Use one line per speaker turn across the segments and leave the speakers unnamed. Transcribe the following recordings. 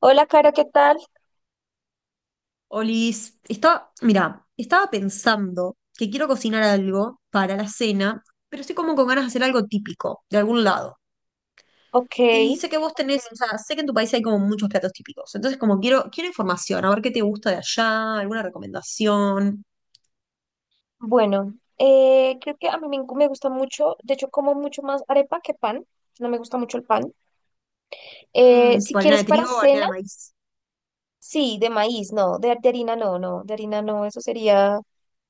Hola, Caro, ¿qué tal?
Olis, estaba estaba pensando que quiero cocinar algo para la cena, pero estoy como con ganas de hacer algo típico, de algún lado.
Ok,
Y sé que vos tenés, o sea, sé que en tu país hay como muchos platos típicos. Entonces, como quiero información, a ver qué te gusta de allá, alguna recomendación.
bueno, creo que a mí me gusta mucho, de hecho como mucho más arepa que pan, no me gusta mucho el pan.
Mm,
Si
tipo harina
quieres
de
para
trigo o harina
cena,
de maíz.
sí, de maíz, no, de harina no, no, de harina no, eso sería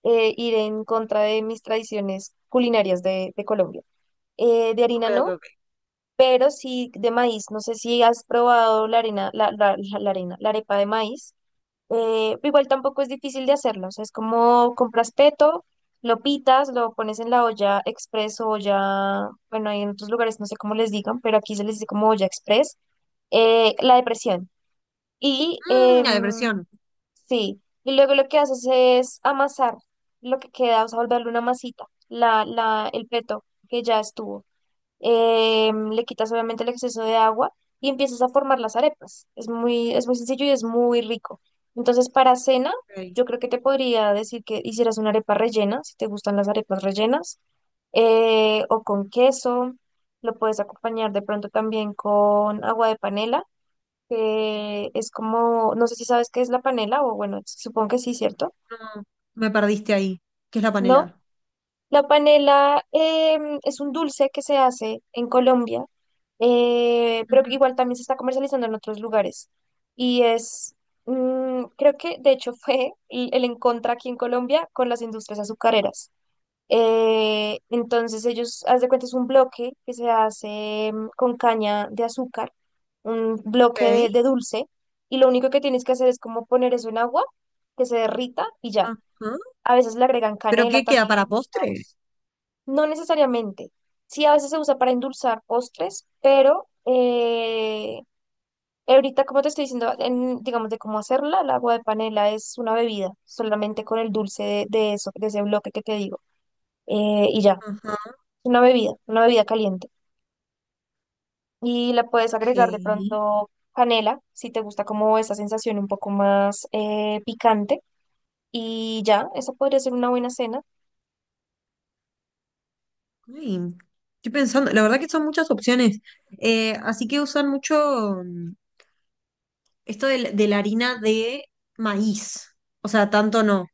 ir en contra de mis tradiciones culinarias de Colombia. De
Ok,
harina
ok,
no,
ok.
pero sí de maíz, no sé si has probado la harina, la, la, la la harina, la arepa de maíz. Igual tampoco es difícil de hacerlo, o sea, es como compras peto, lo pitas, lo pones en la olla express o olla, bueno, hay en otros lugares no sé cómo les digan, pero aquí se les dice como olla express, la depresión. Y
Mm, la
em,
depresión.
sí, y luego lo que haces es amasar lo que queda, o sea, volverle una masita, el peto que ya estuvo, le quitas obviamente el exceso de agua y empiezas a formar las arepas. Es muy sencillo y es muy rico. Entonces, para cena,
Ok.
yo creo que te podría decir que hicieras una arepa rellena, si te gustan las arepas rellenas, o con queso. Lo puedes acompañar de pronto también con agua de panela, que es como, no sé si sabes qué es la panela, o bueno, supongo que sí, ¿cierto?
No, me perdiste ahí. ¿Qué es la
No.
panela?
La panela es un dulce que se hace en Colombia, pero
Ujú.
que igual también se está comercializando en otros lugares. Y es, creo que de hecho fue el en aquí en Colombia con las industrias azucareras. Entonces ellos, haz de cuenta, es un bloque que se hace con caña de azúcar, un bloque
Ok.
de dulce, y lo único que tienes que hacer es como poner eso en agua, que se derrita y ya.
Ajá.
A veces le agregan
¿Pero qué
canela
queda para
también.
postre?
No necesariamente. Sí, a veces se usa para endulzar postres, pero ahorita, como te estoy diciendo, digamos de cómo hacerla, el agua de panela es una bebida, solamente con el dulce de eso, de ese bloque que te digo. Y ya,
Ajá.
una bebida caliente. Y la puedes agregar de
Ok.
pronto canela, si te gusta como esa sensación un poco más picante. Y ya, esa podría ser una buena cena.
Ay, estoy pensando, la verdad que son muchas opciones. Así que usan mucho mm, esto de la harina de maíz. O sea, tanto no.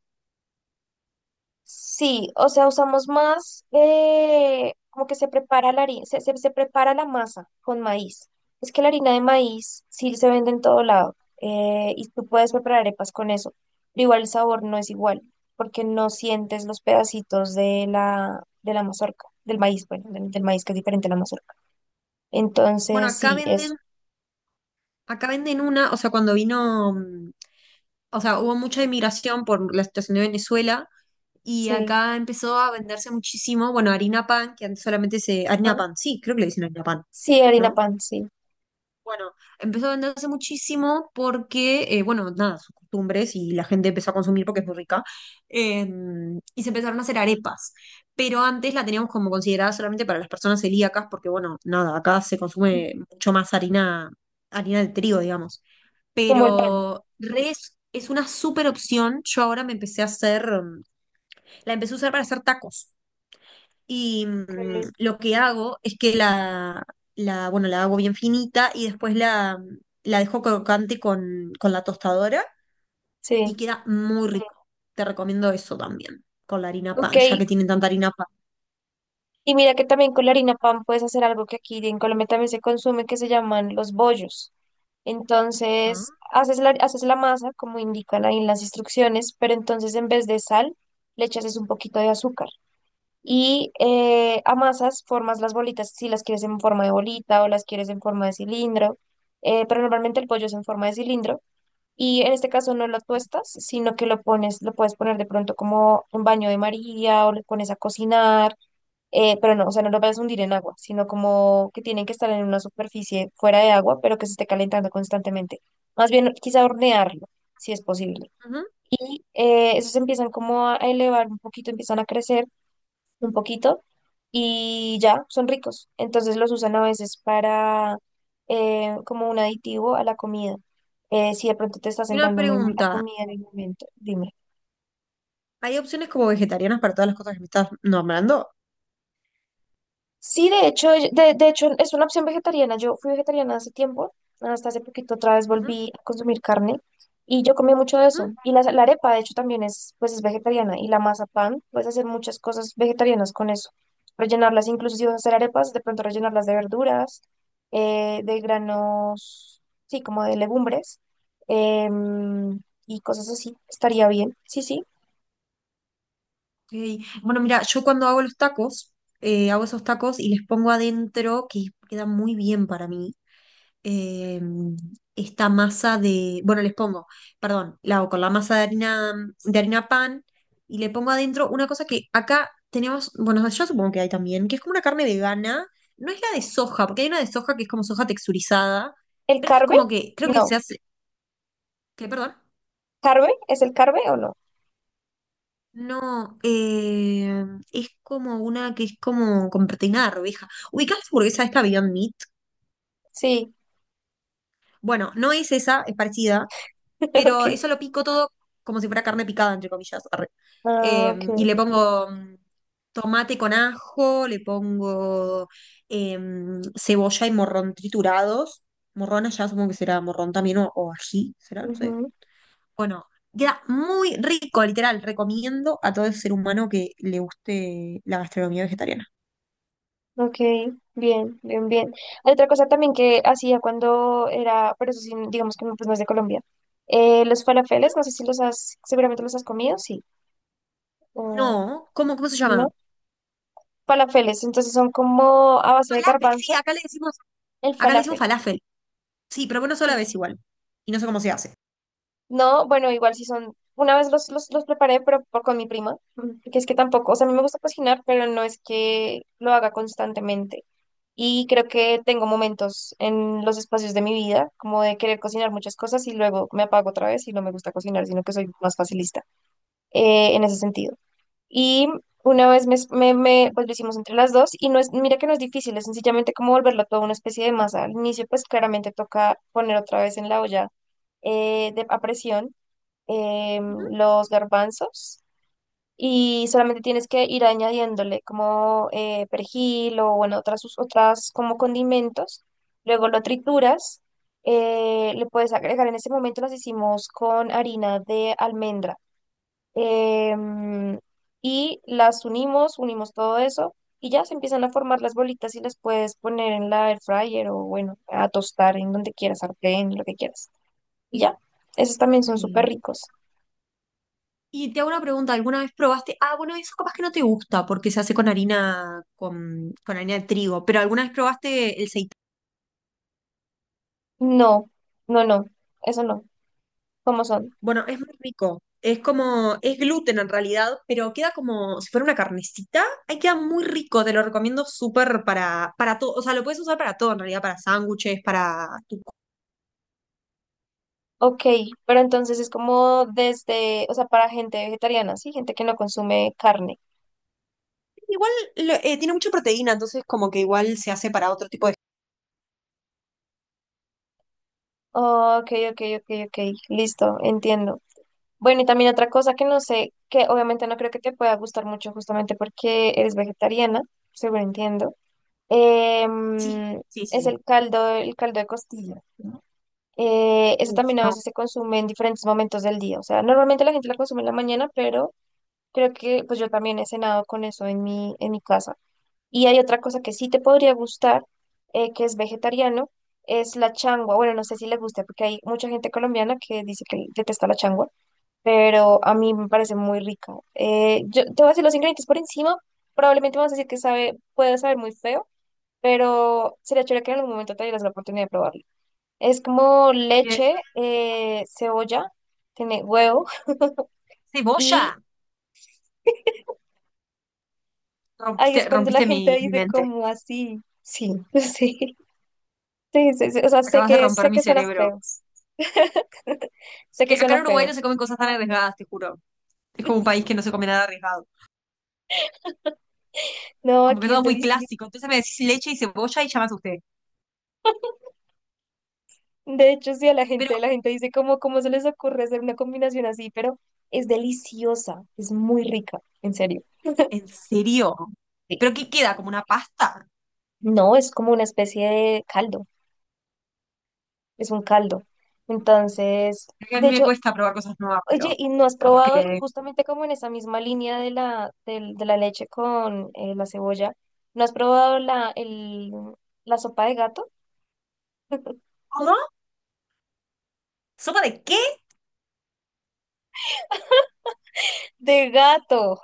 Sí, o sea, usamos más, como que se prepara la harina, se prepara la masa con maíz. Es que la harina de maíz sí se vende en todo lado y tú puedes preparar arepas con eso, pero igual el sabor no es igual porque no sientes los pedacitos de de la mazorca, del maíz, bueno, del maíz que es diferente a la mazorca.
Bueno,
Entonces, sí, eso,
acá venden una, o sea, cuando vino, o sea, hubo mucha inmigración por la situación de Venezuela y
sí.
acá empezó a venderse muchísimo, bueno, harina pan, que antes solamente se, harina
Ah.
pan, sí, creo que le dicen harina pan,
Sí, harina
¿no?
pan, sí.
Bueno, empezó a venderse muchísimo porque, bueno, nada, sus costumbres y la gente empezó a consumir porque es muy rica. eh, y se empezaron a hacer arepas. Pero antes la teníamos como considerada solamente para las personas celíacas porque, bueno, nada, acá se consume mucho más harina, harina de trigo, digamos.
Como el pan.
Pero res es una súper opción. Yo ahora me empecé a hacer, la empecé a usar para hacer tacos. Y
Ok.
lo que hago es que bueno, la hago bien finita y después la, la dejo crocante con la tostadora
Sí.
y queda muy rico. Te recomiendo eso también, con la harina
Ok,
pan, ya que tienen tanta harina pan.
y mira que también con la harina pan puedes hacer algo que aquí en Colombia también se consume, que se llaman los bollos.
Ah,
Entonces, haces la masa, como indican ahí en las instrucciones, pero entonces en vez de sal, le echas es un poquito de azúcar. Y amasas, formas las bolitas, si las quieres en forma de bolita o las quieres en forma de cilindro, pero normalmente el pollo es en forma de cilindro. Y en este caso no lo tuestas, sino que lo pones, lo puedes poner de pronto como un baño de María o lo pones a cocinar, pero no, o sea, no lo vas a hundir en agua, sino como que tienen que estar en una superficie fuera de agua, pero que se esté calentando constantemente. Más bien, quizá hornearlo, si es posible.
ujú.
Y esos empiezan como a elevar un poquito, empiezan a crecer un poquito y ya son ricos. Entonces los usan a veces para como un aditivo a la comida. Si de pronto te está
Y una
sentando muy mal la
pregunta,
comida en el momento, dime.
¿hay opciones como vegetarianas para todas las cosas que me estás nombrando?
Sí, de hecho, de hecho es una opción vegetariana. Yo fui vegetariana hace tiempo, hasta hace poquito otra vez
Ujú,
volví a consumir carne y yo comí mucho de
ujú.
eso. Y la arepa, de hecho, también es, pues, es vegetariana y la mazapán, puedes hacer muchas cosas vegetarianas con eso. Rellenarlas, incluso si vas a hacer arepas, de pronto rellenarlas de verduras, de granos, sí, como de legumbres em, y cosas así. Estaría bien. Sí, sí.
Ok. Bueno, mira, yo cuando hago los tacos, hago esos tacos y les pongo adentro, que queda muy bien para mí eh, esta masa de, bueno, les pongo, perdón, la hago con la masa de harina pan y le pongo adentro una cosa que acá tenemos, bueno, yo supongo que hay también, que es como una carne vegana, no es la de soja, porque hay una de soja que es como soja texturizada,
¿El
pero esta es
carbe?
como que, creo que se
No.
hace, que perdón,
¿Carbe? ¿Es el carbe o no?
no, es como una que es como con proteína de arveja. ¿Ubicás la hamburguesa esta Beyond Meat?
Sí,
Bueno, no es esa, es parecida,
ok.
pero eso lo pico todo como si fuera carne picada, entre comillas. Arre.
Ah,
Y
ok.
le pongo tomate con ajo, le pongo cebolla y morrón triturados. Morrón allá supongo que será morrón también o ají, será, no sé.
Ujú.
Bueno, queda muy rico, literal. Recomiendo a todo ser humano que le guste la gastronomía vegetariana.
Ok, bien, bien, bien. Hay otra cosa también que hacía cuando era, pero eso sí, digamos que no, pues no es de Colombia. Los falafeles, no sé si los has, seguramente los has comido, sí. O
No, ¿cómo, cómo se llama?
¿no? Falafeles, entonces son como a base de
Falafel, sí,
garbanzo, el
acá le decimos
falafel,
falafel. Sí, pero bueno, sola
sí.
vez igual. Y no sé cómo se hace.
No, bueno, igual si son, una vez los preparé, pero con mi prima, que es que tampoco, o sea, a mí me gusta cocinar, pero no es que lo haga constantemente. Y creo que tengo momentos en los espacios de mi vida, como de querer cocinar muchas cosas y luego me apago otra vez y no me gusta cocinar, sino que soy más facilista en ese sentido. Y una vez pues lo hicimos entre las dos y no es, mira que no es difícil, es sencillamente como volverlo todo una especie de masa. Al inicio pues claramente toca poner otra vez en la olla a presión
Ujú,
em, los garbanzos y solamente tienes que ir añadiéndole como perejil o bueno, otras como condimentos. Luego lo trituras, le puedes agregar, en ese momento las hicimos con harina de almendra em, y las unimos, unimos todo eso y ya se empiezan a formar las bolitas y las puedes poner en la air fryer o bueno, a tostar en donde quieras, sartén, lo que quieras. Y ya, esos
ok.
también son súper ricos.
Y te hago una pregunta, ¿alguna vez probaste? Ah, bueno, eso capaz que no te gusta porque se hace con harina de trigo, pero ¿alguna vez probaste el seitán?
No, no, no, eso no. ¿Cómo son?
Bueno, es muy rico. Es como, es gluten en realidad, pero queda como si fuera una carnecita. Ahí queda muy rico, te lo recomiendo súper para todo. O sea, lo puedes usar para todo en realidad, para sándwiches, para tu...
Ok, pero entonces es como desde, o sea, para gente vegetariana, ¿sí? Gente que no consume carne.
Igual tiene mucha proteína, entonces como que igual se hace para otro tipo de...
Oh, ok, ok, ok, ok, listo, entiendo. Bueno, y también otra cosa que no sé, que obviamente no creo que te pueda gustar mucho justamente porque eres vegetariana, seguro entiendo,
Sí,
em,
sí, sí,
es
sí.
el caldo de costilla, ¿no? Eso
Uf,
también a
no.
veces se consume en diferentes momentos del día, o sea, normalmente la gente lo consume en la mañana, pero creo que pues yo también he cenado con eso en mi casa. Y hay otra cosa que sí te podría gustar, que es vegetariano, es la changua. Bueno, no sé si les gusta, porque hay mucha gente colombiana que dice que detesta la changua, pero a mí me parece muy rica. Yo te voy a decir los ingredientes por encima, probablemente me vas a decir que sabe, puede saber muy feo, pero sería chévere que en algún momento te dieras la oportunidad de probarlo. Es como
Bien.
leche, cebolla, tiene huevo, y
Cebolla.
ahí es
Rompiste,
cuando la
rompiste
gente
mi
dice
mente.
como así, sí, sí. Sí, sí, sí, o sea,
Acabas de romper
sé
mi
que suena
cerebro.
feo, sé
Que
que
acá en
suena
Uruguay no
feo.
se comen cosas tan arriesgadas, te juro. Es como un país que no se come nada arriesgado.
No,
Como que
aquí es
todo muy
delicioso.
clásico. Entonces me decís leche y cebolla y ya me asusté.
De hecho, sí,
Pero,
la gente dice como, ¿cómo se les ocurre hacer una combinación así? Pero es deliciosa, es muy rica, en serio.
¿en serio?
Sí.
¿Pero qué queda? ¿Como una pasta?
No, es como una especie de caldo, es un caldo. Entonces,
Es que a mí
de
me
hecho,
cuesta probar cosas nuevas,
oye,
pero
¿y no has
capaz que
probado
le dé.
justamente como en esa misma línea de de la leche con la cebolla? ¿No has probado la sopa de gato?
¿Cómo? ¿Sopa de qué?
De gato.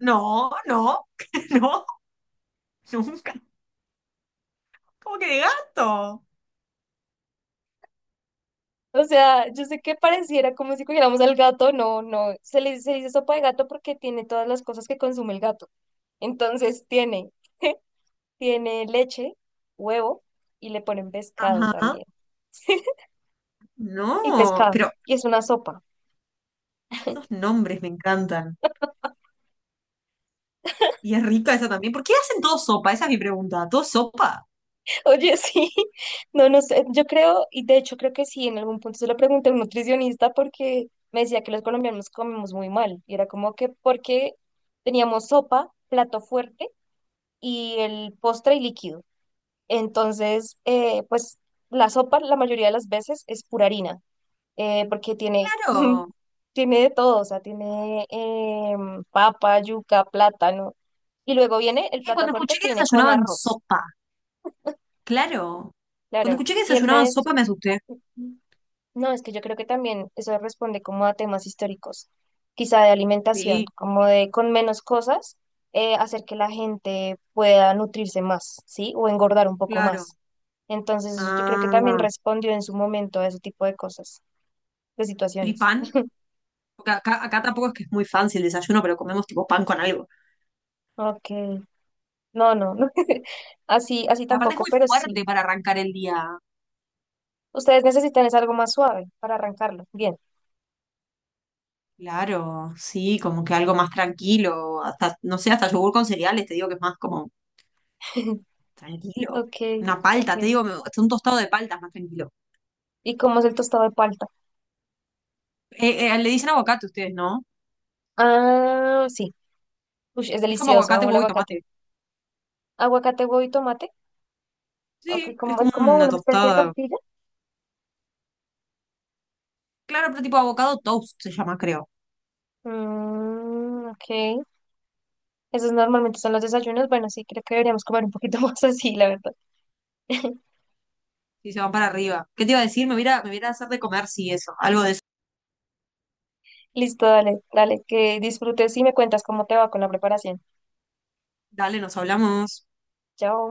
No, no, no, nunca. ¿Cómo que de gato?
O sea, yo sé que pareciera como si cogiéramos al gato, no, no, se le dice sopa de gato porque tiene todas las cosas que consume el gato. Entonces tiene, tiene leche, huevo y le ponen pescado
Ajá,
también. Y
no,
pescado,
pero
y es una sopa.
esos nombres me encantan. Y es rica esa también. ¿Por qué hacen todo sopa? Esa es mi pregunta. ¿Todo sopa?
Oye, sí, no, no sé, yo creo, y de hecho creo que sí, en algún punto se lo pregunté a un nutricionista porque me decía que los colombianos comemos muy mal, y era como que porque teníamos sopa, plato fuerte y el postre y líquido. Entonces, pues la sopa la mayoría de las veces es pura harina, porque tiene,
Claro.
tiene de todo, o sea, tiene papa, yuca, plátano. Y luego viene el plato
Cuando
fuerte
escuché que
que viene con
desayunaban
arroz,
sopa. Claro. Cuando
claro.
escuché que
Y él me
desayunaban
decía,
sopa me asusté.
no, es que yo creo que también eso responde como a temas históricos, quizá de alimentación,
Sí,
como de con menos cosas, hacer que la gente pueda nutrirse más, ¿sí? O engordar un poco
claro.
más. Entonces, eso yo creo que también
Ah.
respondió en su momento a ese tipo de cosas, de
¿Y
situaciones.
pan? Porque acá, acá tampoco es que es muy fancy el desayuno, pero comemos tipo pan con algo.
Ok, no, no, no. Así, así
Aparte es
tampoco,
muy
pero
fuerte
sí.
para arrancar el día.
Ustedes necesitan es algo más suave para arrancarlo. Bien.
Claro, sí, como que algo más tranquilo. Hasta, no sé, hasta yogur con cereales, te digo que es más como tranquilo.
Ok,
Una
ok.
palta, te digo, hasta un tostado de palta es más tranquilo.
¿Y cómo es el tostado de palta?
Le dicen aguacate ustedes, ¿no?
Ah, sí. Uy, es
Es como
delicioso,
aguacate,
amo el
huevo y
aguacate.
tomate.
Aguacate, huevo y tomate.
Sí,
Ok,
es
como, es
como
como
una
una especie de
tostada.
tortilla.
Claro, pero tipo avocado toast se llama, creo.
Mm, ok. Esos normalmente son los desayunos. Bueno, sí, creo que deberíamos comer un poquito más así, la verdad.
Y se van para arriba. ¿Qué te iba a decir? Me voy a hacer de comer, sí, eso. Algo de eso.
Listo, dale, dale, que disfrutes y me cuentas cómo te va con la preparación.
Dale, nos hablamos.
Chao.